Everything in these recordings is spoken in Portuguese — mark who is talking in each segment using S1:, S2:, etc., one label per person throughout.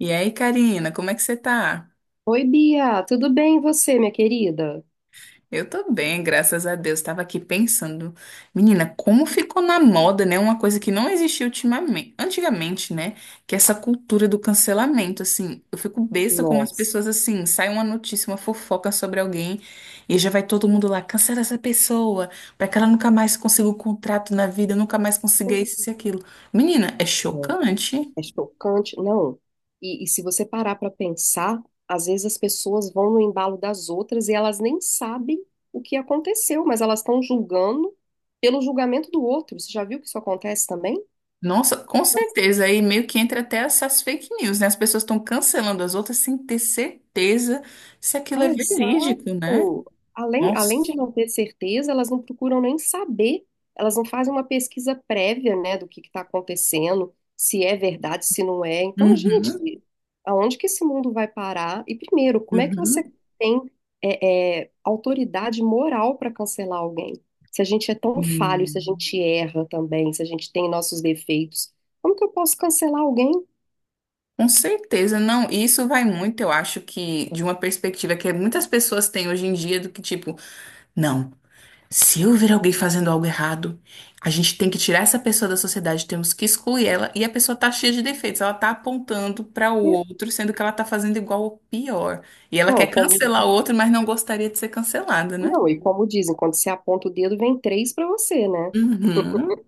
S1: E aí, Karina, como é que você tá?
S2: Oi, Bia, tudo bem e você, minha querida?
S1: Eu tô bem, graças a Deus. Tava aqui pensando, menina, como ficou na moda, né? Uma coisa que não existia ultimamente, antigamente, né? Que é essa cultura do cancelamento, assim. Eu fico besta como as
S2: Nossa,
S1: pessoas, assim, sai uma notícia, uma fofoca sobre alguém e já vai todo mundo lá, cancela essa pessoa, pra que ela nunca mais consiga um contrato na vida, nunca mais consiga isso e aquilo. Menina, é
S2: é
S1: chocante.
S2: é chocante. Não, e se você parar para pensar, às vezes as pessoas vão no embalo das outras e elas nem sabem o que aconteceu, mas elas estão julgando pelo julgamento do outro. Você já viu que isso acontece também?
S1: Nossa, com certeza. Aí meio que entra até essas fake news, né? As pessoas estão cancelando as outras sem ter certeza se aquilo
S2: Ah,
S1: é
S2: exato.
S1: verídico, né?
S2: Além
S1: Nossa.
S2: de não ter certeza, elas não procuram nem saber, elas não fazem uma pesquisa prévia, né, do que está acontecendo, se é verdade, se não é. Então,
S1: Uhum,
S2: gente, aonde que esse mundo vai parar? E primeiro, como é que você
S1: uhum.
S2: tem autoridade moral para cancelar alguém? Se a gente é tão falho, se a
S1: Hum.
S2: gente erra também, se a gente tem nossos defeitos, como que eu posso cancelar alguém?
S1: Com certeza, não. E isso vai muito, eu acho que, de uma perspectiva que muitas pessoas têm hoje em dia do que, tipo, não. Se eu ver alguém fazendo algo errado, a gente tem que tirar essa pessoa da sociedade, temos que excluir ela. E a pessoa tá cheia de defeitos, ela tá apontando para o outro, sendo que ela tá fazendo igual ou pior. E ela quer
S2: Não, como,
S1: cancelar o outro, mas não gostaria de ser cancelada, né?
S2: não, e como dizem, quando você aponta o dedo, vem três para você, né?
S1: Uhum,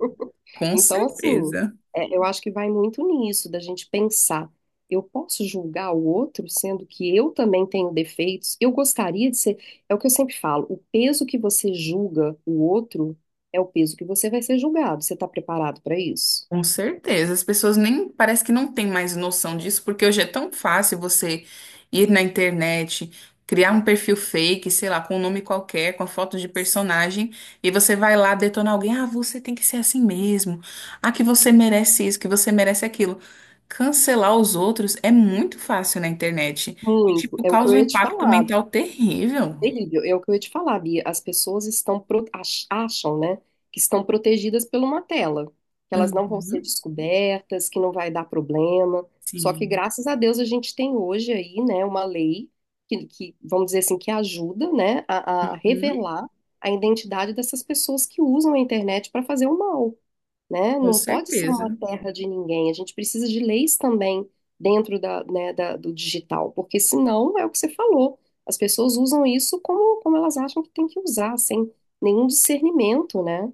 S1: com
S2: Então, assim,
S1: certeza.
S2: eu acho que vai muito nisso, da gente pensar. Eu posso julgar o outro, sendo que eu também tenho defeitos. Eu gostaria de ser. É o que eu sempre falo: o peso que você julga o outro é o peso que você vai ser julgado. Você está preparado para isso?
S1: Com certeza, as pessoas nem parece que não têm mais noção disso, porque hoje é tão fácil você ir na internet, criar um perfil fake, sei lá, com um nome qualquer, com a foto de personagem, e você vai lá detonar alguém, ah, você tem que ser assim mesmo, ah, que você merece isso, que você merece aquilo. Cancelar os outros é muito fácil na internet e,
S2: Muito.
S1: tipo,
S2: É o que eu
S1: causa um
S2: ia te
S1: impacto
S2: falar.
S1: mental terrível.
S2: Delírio, é o que eu ia te falar, Bia. As pessoas estão acham, né, que estão protegidas por uma tela, que elas não vão ser
S1: Uhum,
S2: descobertas, que não vai dar problema. Só que
S1: sim,
S2: graças a Deus a gente tem hoje aí, né, uma lei vamos dizer assim, que ajuda, né, a
S1: uhum,
S2: revelar a identidade dessas pessoas que usam a internet para fazer o mal né?
S1: com
S2: Não pode ser uma
S1: certeza.
S2: terra de ninguém. A gente precisa de leis também dentro da, né, do digital, porque senão é o que você falou. As pessoas usam isso como, como elas acham que tem que usar, sem nenhum discernimento, né?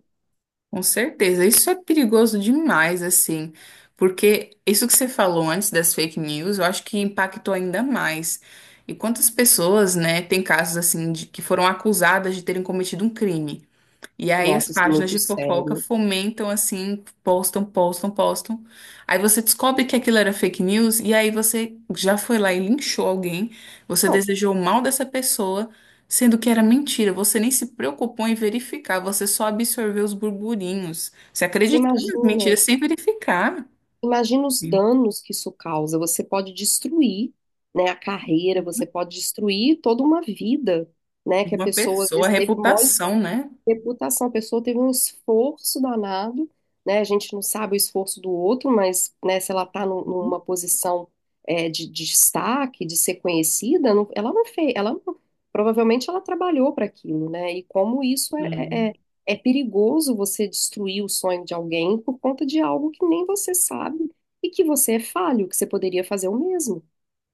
S1: Com certeza, isso é perigoso demais, assim, porque isso que você falou antes das fake news, eu acho que impactou ainda mais. E quantas pessoas, né, tem casos assim de que foram acusadas de terem cometido um crime. E aí as
S2: Nossa, isso é
S1: páginas
S2: muito
S1: de fofoca
S2: sério.
S1: fomentam assim, postam, postam, postam. Aí você descobre que aquilo era fake news e aí você já foi lá e linchou alguém, você
S2: Não,
S1: desejou o mal dessa pessoa, sendo que era mentira. Você nem se preocupou em verificar, você só absorveu os burburinhos. Você
S2: você
S1: acreditou nas
S2: imagina,
S1: mentiras sem verificar.
S2: imagina os
S1: De
S2: danos que isso causa. Você pode destruir, né, a carreira, você pode destruir toda uma vida, né? Que a
S1: Uma
S2: pessoa às
S1: pessoa, a
S2: vezes teve maior
S1: reputação, né?
S2: Reputação, a pessoa teve um esforço danado, né? A gente não sabe o esforço do outro, mas, né, se ela está numa posição de destaque, de ser conhecida, ela não fez, ela não- provavelmente ela trabalhou para aquilo, né? E como isso é
S1: Sim.
S2: é perigoso você destruir o sonho de alguém por conta de algo que nem você sabe e que você é falho, que você poderia fazer o mesmo.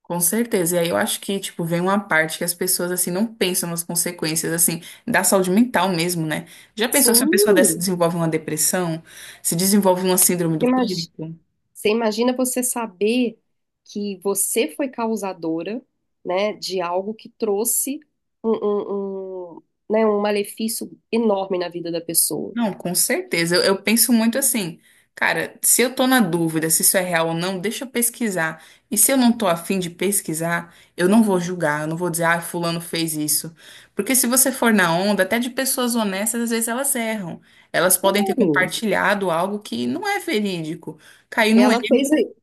S1: Com certeza. E aí eu acho que, tipo, vem uma parte que as pessoas, assim, não pensam nas consequências, assim, da saúde mental mesmo, né? Já pensou se uma pessoa dessa
S2: Sim,
S1: desenvolve uma depressão, se desenvolve uma síndrome do pânico?
S2: você imagina você saber que você foi causadora, né, de algo que trouxe um, um, um, né, um malefício enorme na vida da pessoa.
S1: Não, com certeza. Eu penso muito assim, cara, se eu tô na dúvida se isso é real ou não, deixa eu pesquisar. E se eu não tô afim de pesquisar, eu não vou julgar, eu não vou dizer, ah, fulano fez isso. Porque se você for na onda, até de pessoas honestas, às vezes elas erram. Elas podem ter
S2: Claro,
S1: compartilhado algo que não é verídico. Caiu no erro.
S2: ela fez, aí.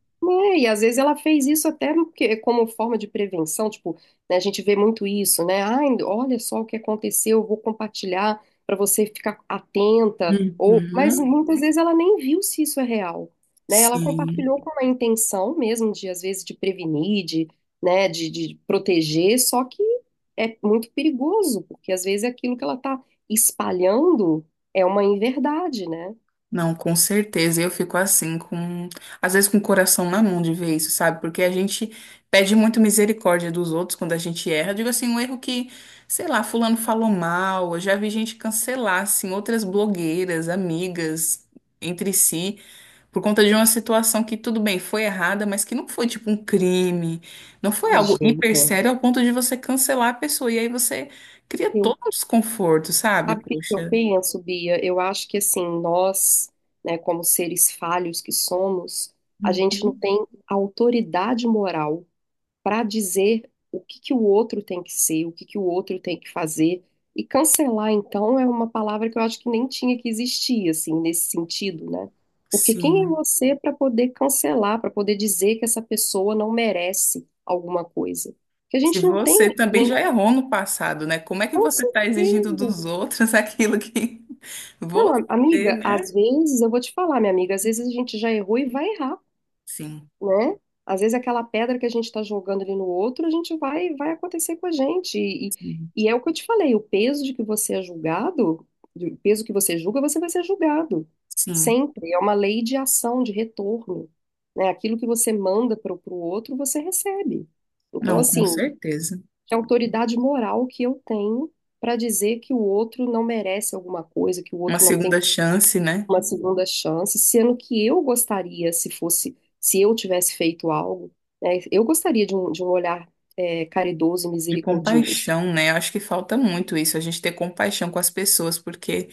S2: É, e às vezes ela fez isso até no como forma de prevenção, tipo, né, a gente vê muito isso, né? Ai, olha só o que aconteceu, eu vou compartilhar para você ficar atenta, ou, mas
S1: Uhum,
S2: muitas vezes ela nem viu se isso é real, né? Ela
S1: sim.
S2: compartilhou com a intenção mesmo de, às vezes, de prevenir, de, né, de proteger, só que é muito perigoso, porque às vezes aquilo que ela está espalhando é uma inverdade, né?
S1: Não, com certeza. Eu fico assim, com às vezes com o coração na mão de ver isso, sabe? Porque a gente pede muito misericórdia dos outros quando a gente erra. Eu digo assim, um erro que, sei lá, fulano falou mal. Eu já vi gente cancelar, assim, outras blogueiras, amigas entre si, por conta de uma situação que, tudo bem, foi errada, mas que não foi tipo um crime, não foi algo
S2: Imagina.
S1: hiper sério ao ponto de você cancelar a pessoa. E aí você cria
S2: Eu
S1: todo um desconforto, sabe?
S2: Sabe o que que eu
S1: Poxa.
S2: penso, Bia? Eu acho que assim, nós, né, como seres falhos que somos, a gente não
S1: Uhum.
S2: tem autoridade moral para dizer o que que o outro tem que ser, o que que o outro tem que fazer. E cancelar, então, é uma palavra que eu acho que nem tinha que existir, assim, nesse sentido, né? Porque quem é
S1: Sim.
S2: você para poder cancelar, para poder dizer que essa pessoa não merece alguma coisa? Que a
S1: Se
S2: gente não tem,
S1: você
S2: a
S1: também
S2: gente,
S1: já errou no passado, né? Como é que
S2: com
S1: você está exigindo
S2: certeza.
S1: dos outros aquilo que
S2: Não,
S1: você,
S2: amiga, às
S1: né?
S2: vezes eu vou te falar, minha amiga, às vezes a gente já errou e vai errar,
S1: Sim,
S2: né? Às vezes aquela pedra que a gente está jogando ali no outro, a gente vai, vai acontecer com a gente.
S1: sim,
S2: E é o que eu te falei, o peso de que você é julgado, o peso que você julga, você vai ser julgado.
S1: sim.
S2: Sempre. É uma lei de ação, de retorno, né? Aquilo que você manda para o outro, você recebe. Então,
S1: Não, com
S2: assim,
S1: certeza.
S2: que autoridade moral que eu tenho para dizer que o outro não merece alguma coisa, que o
S1: Uma
S2: outro não tem
S1: segunda chance, né?
S2: uma segunda chance, sendo que eu gostaria, se fosse, se eu tivesse feito algo, né, eu gostaria de um olhar caridoso e
S1: De
S2: misericordioso,
S1: compaixão, né? Eu acho que falta muito isso, a gente ter compaixão com as pessoas, porque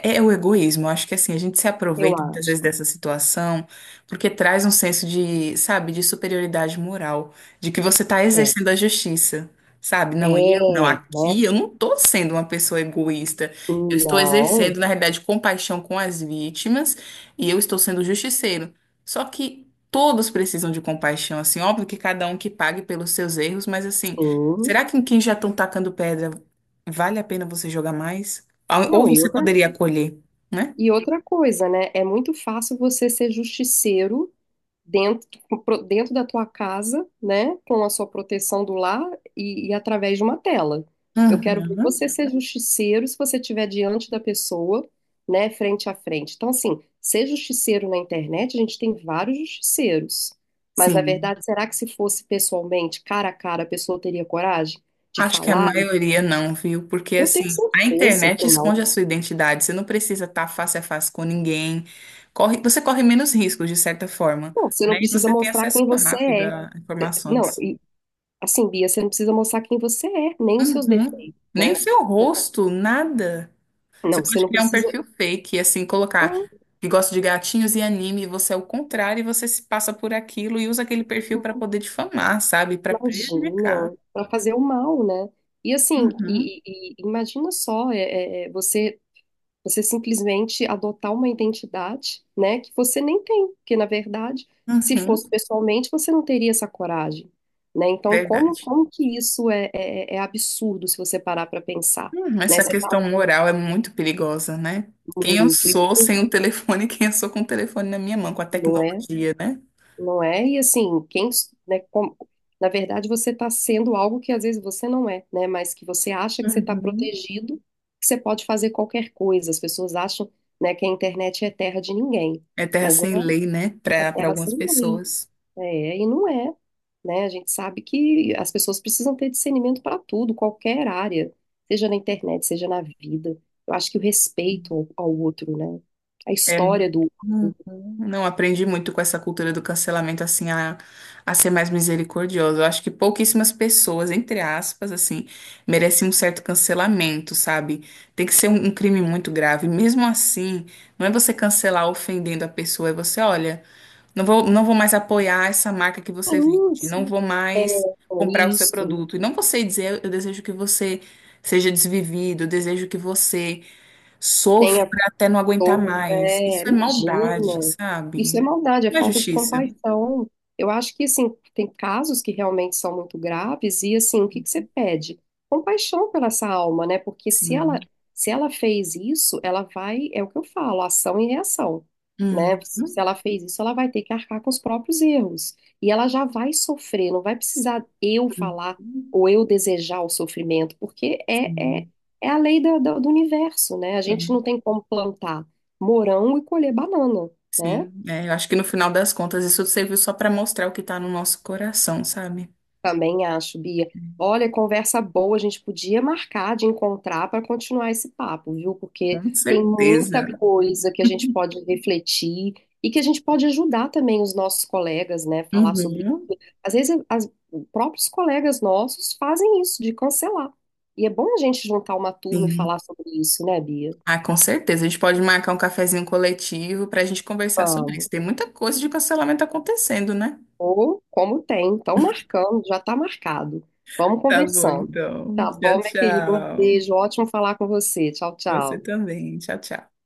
S1: é o egoísmo, eu acho que assim, a gente se
S2: eu
S1: aproveita muitas
S2: acho.
S1: vezes dessa situação porque traz um senso de, sabe, de superioridade moral, de que você está
S2: É,
S1: exercendo a justiça, sabe? Não, eu, não,
S2: né?
S1: aqui eu não estou sendo uma pessoa egoísta, eu estou
S2: Não,
S1: exercendo, na realidade, compaixão com as vítimas e eu estou sendo justiceiro. Só que todos precisam de compaixão, assim, óbvio que cada um que pague pelos seus erros, mas assim,
S2: sim.
S1: será que em quem já estão tacando pedra vale a pena você jogar mais? Ah, ou
S2: Não,
S1: você poderia acolher, né?
S2: e outra coisa, né? É muito fácil você ser justiceiro dentro, dentro da tua casa, né, com a sua proteção do lar e através de uma tela. Eu quero ver
S1: Uhum.
S2: você ser justiceiro se você estiver diante da pessoa, né, frente a frente. Então, assim, ser justiceiro na internet, a gente tem vários justiceiros. Mas, na
S1: Sim.
S2: verdade, será que se fosse pessoalmente, cara a cara, a pessoa teria coragem de
S1: Acho que a
S2: falar?
S1: maioria não, viu? Porque
S2: Eu tenho
S1: assim, a
S2: certeza que
S1: internet
S2: não.
S1: esconde a sua identidade. Você não precisa estar face a face com ninguém. Corre, você corre menos riscos, de certa forma,
S2: Não, você não
S1: né? E
S2: precisa
S1: você tem
S2: mostrar
S1: acesso
S2: quem você
S1: rápido
S2: é.
S1: a
S2: Não,
S1: informações.
S2: e, assim, Bia, você não precisa mostrar quem você é, nem os seus
S1: Uhum.
S2: defeitos
S1: Nem o
S2: né?
S1: seu rosto, nada. Você
S2: Não, você
S1: pode
S2: não
S1: criar um
S2: precisa.
S1: perfil fake, assim,
S2: Ah,
S1: colocar que gosta de gatinhos e anime, e você é o contrário, e você se passa por aquilo e usa aquele perfil para poder difamar, sabe? Para prejudicar.
S2: imagina, para fazer o mal, né? E assim,
S1: Uhum,
S2: e imagina só, você você simplesmente adotar uma identidade, né, que você nem tem, porque na verdade, se fosse
S1: uhum,
S2: pessoalmente, você não teria essa coragem, né? Então, como
S1: verdade.
S2: como que isso é absurdo se você parar para pensar, né?
S1: Essa
S2: Você tá
S1: questão moral é muito perigosa, né? Quem eu
S2: muito,
S1: sou
S2: isso
S1: sem o telefone, quem eu sou com o telefone na minha mão, com a
S2: não é?
S1: tecnologia, né?
S2: Não é? E assim, quem, né, na verdade você está sendo algo que às vezes você não é, né? Mas que você acha que você está
S1: Uhum.
S2: protegido, que você pode fazer qualquer coisa. As pessoas acham, né, que a internet é terra de ninguém,
S1: É terra
S2: mas não
S1: sem lei, né?
S2: é,
S1: Para
S2: é
S1: para
S2: terra
S1: algumas
S2: sem lei.
S1: pessoas.
S2: É, e não é, né? A gente sabe que as pessoas precisam ter discernimento para tudo, qualquer área, seja na internet, seja na vida. Eu acho que o respeito ao, ao outro, né? A
S1: É.
S2: história do
S1: Uhum.
S2: outro.
S1: Não aprendi muito com essa cultura do cancelamento, assim, a ser mais misericordiosa. Eu acho que pouquíssimas pessoas, entre aspas, assim, merecem um certo cancelamento, sabe? Tem que ser um crime muito grave. Mesmo assim, não é você cancelar ofendendo a pessoa, é você, olha, não vou, não vou mais apoiar essa marca que você
S2: Sim,
S1: vende, não
S2: sim,
S1: vou mais
S2: é
S1: comprar o seu
S2: isso.
S1: produto. E não você dizer, eu desejo que você seja desvivido, eu desejo que você
S2: Tem
S1: sofra
S2: a
S1: até não aguentar mais.
S2: É,
S1: Isso é maldade,
S2: imagina. Isso é
S1: sabe?
S2: maldade, é
S1: Não é
S2: falta de
S1: justiça.
S2: compaixão. Eu acho que, assim, tem casos que realmente são muito graves e, assim, o que que você pede? Compaixão pela essa alma, né? Porque se ela,
S1: Sim.
S2: se ela fez isso, ela vai, é o que eu falo, ação e reação, né?
S1: Uhum.
S2: Se ela fez isso, ela vai ter que arcar com os próprios erros. E ela já vai sofrer, não vai precisar eu
S1: Uhum.
S2: falar ou eu desejar o sofrimento, porque
S1: Sim.
S2: é a lei do universo, né? A gente não
S1: É.
S2: tem como plantar morango e colher banana, né?
S1: Sim. É, eu acho que no final das contas isso serviu só para mostrar o que está no nosso coração, sabe?
S2: Também acho, Bia. Olha, conversa boa, a gente podia marcar de encontrar para continuar esse papo, viu? Porque
S1: Com
S2: tem muita
S1: certeza.
S2: coisa que a gente pode refletir e que a gente pode ajudar também os nossos colegas, né? Falar sobre.
S1: Uhum.
S2: Às vezes, os próprios colegas nossos fazem isso, de cancelar. E é bom a gente juntar uma turma e falar
S1: Sim.
S2: sobre isso, né, Bia?
S1: Ah, com certeza. A gente pode marcar um cafezinho coletivo para a gente conversar sobre isso. Tem muita coisa de cancelamento acontecendo, né?
S2: Ou como tem, estão marcando, já está marcado. Vamos
S1: Tá bom,
S2: conversando.
S1: então.
S2: Tá bom,
S1: Tchau,
S2: minha querida? Um
S1: tchau.
S2: beijo, ótimo falar com você. Tchau,
S1: Você
S2: tchau.
S1: também. Tchau, tchau.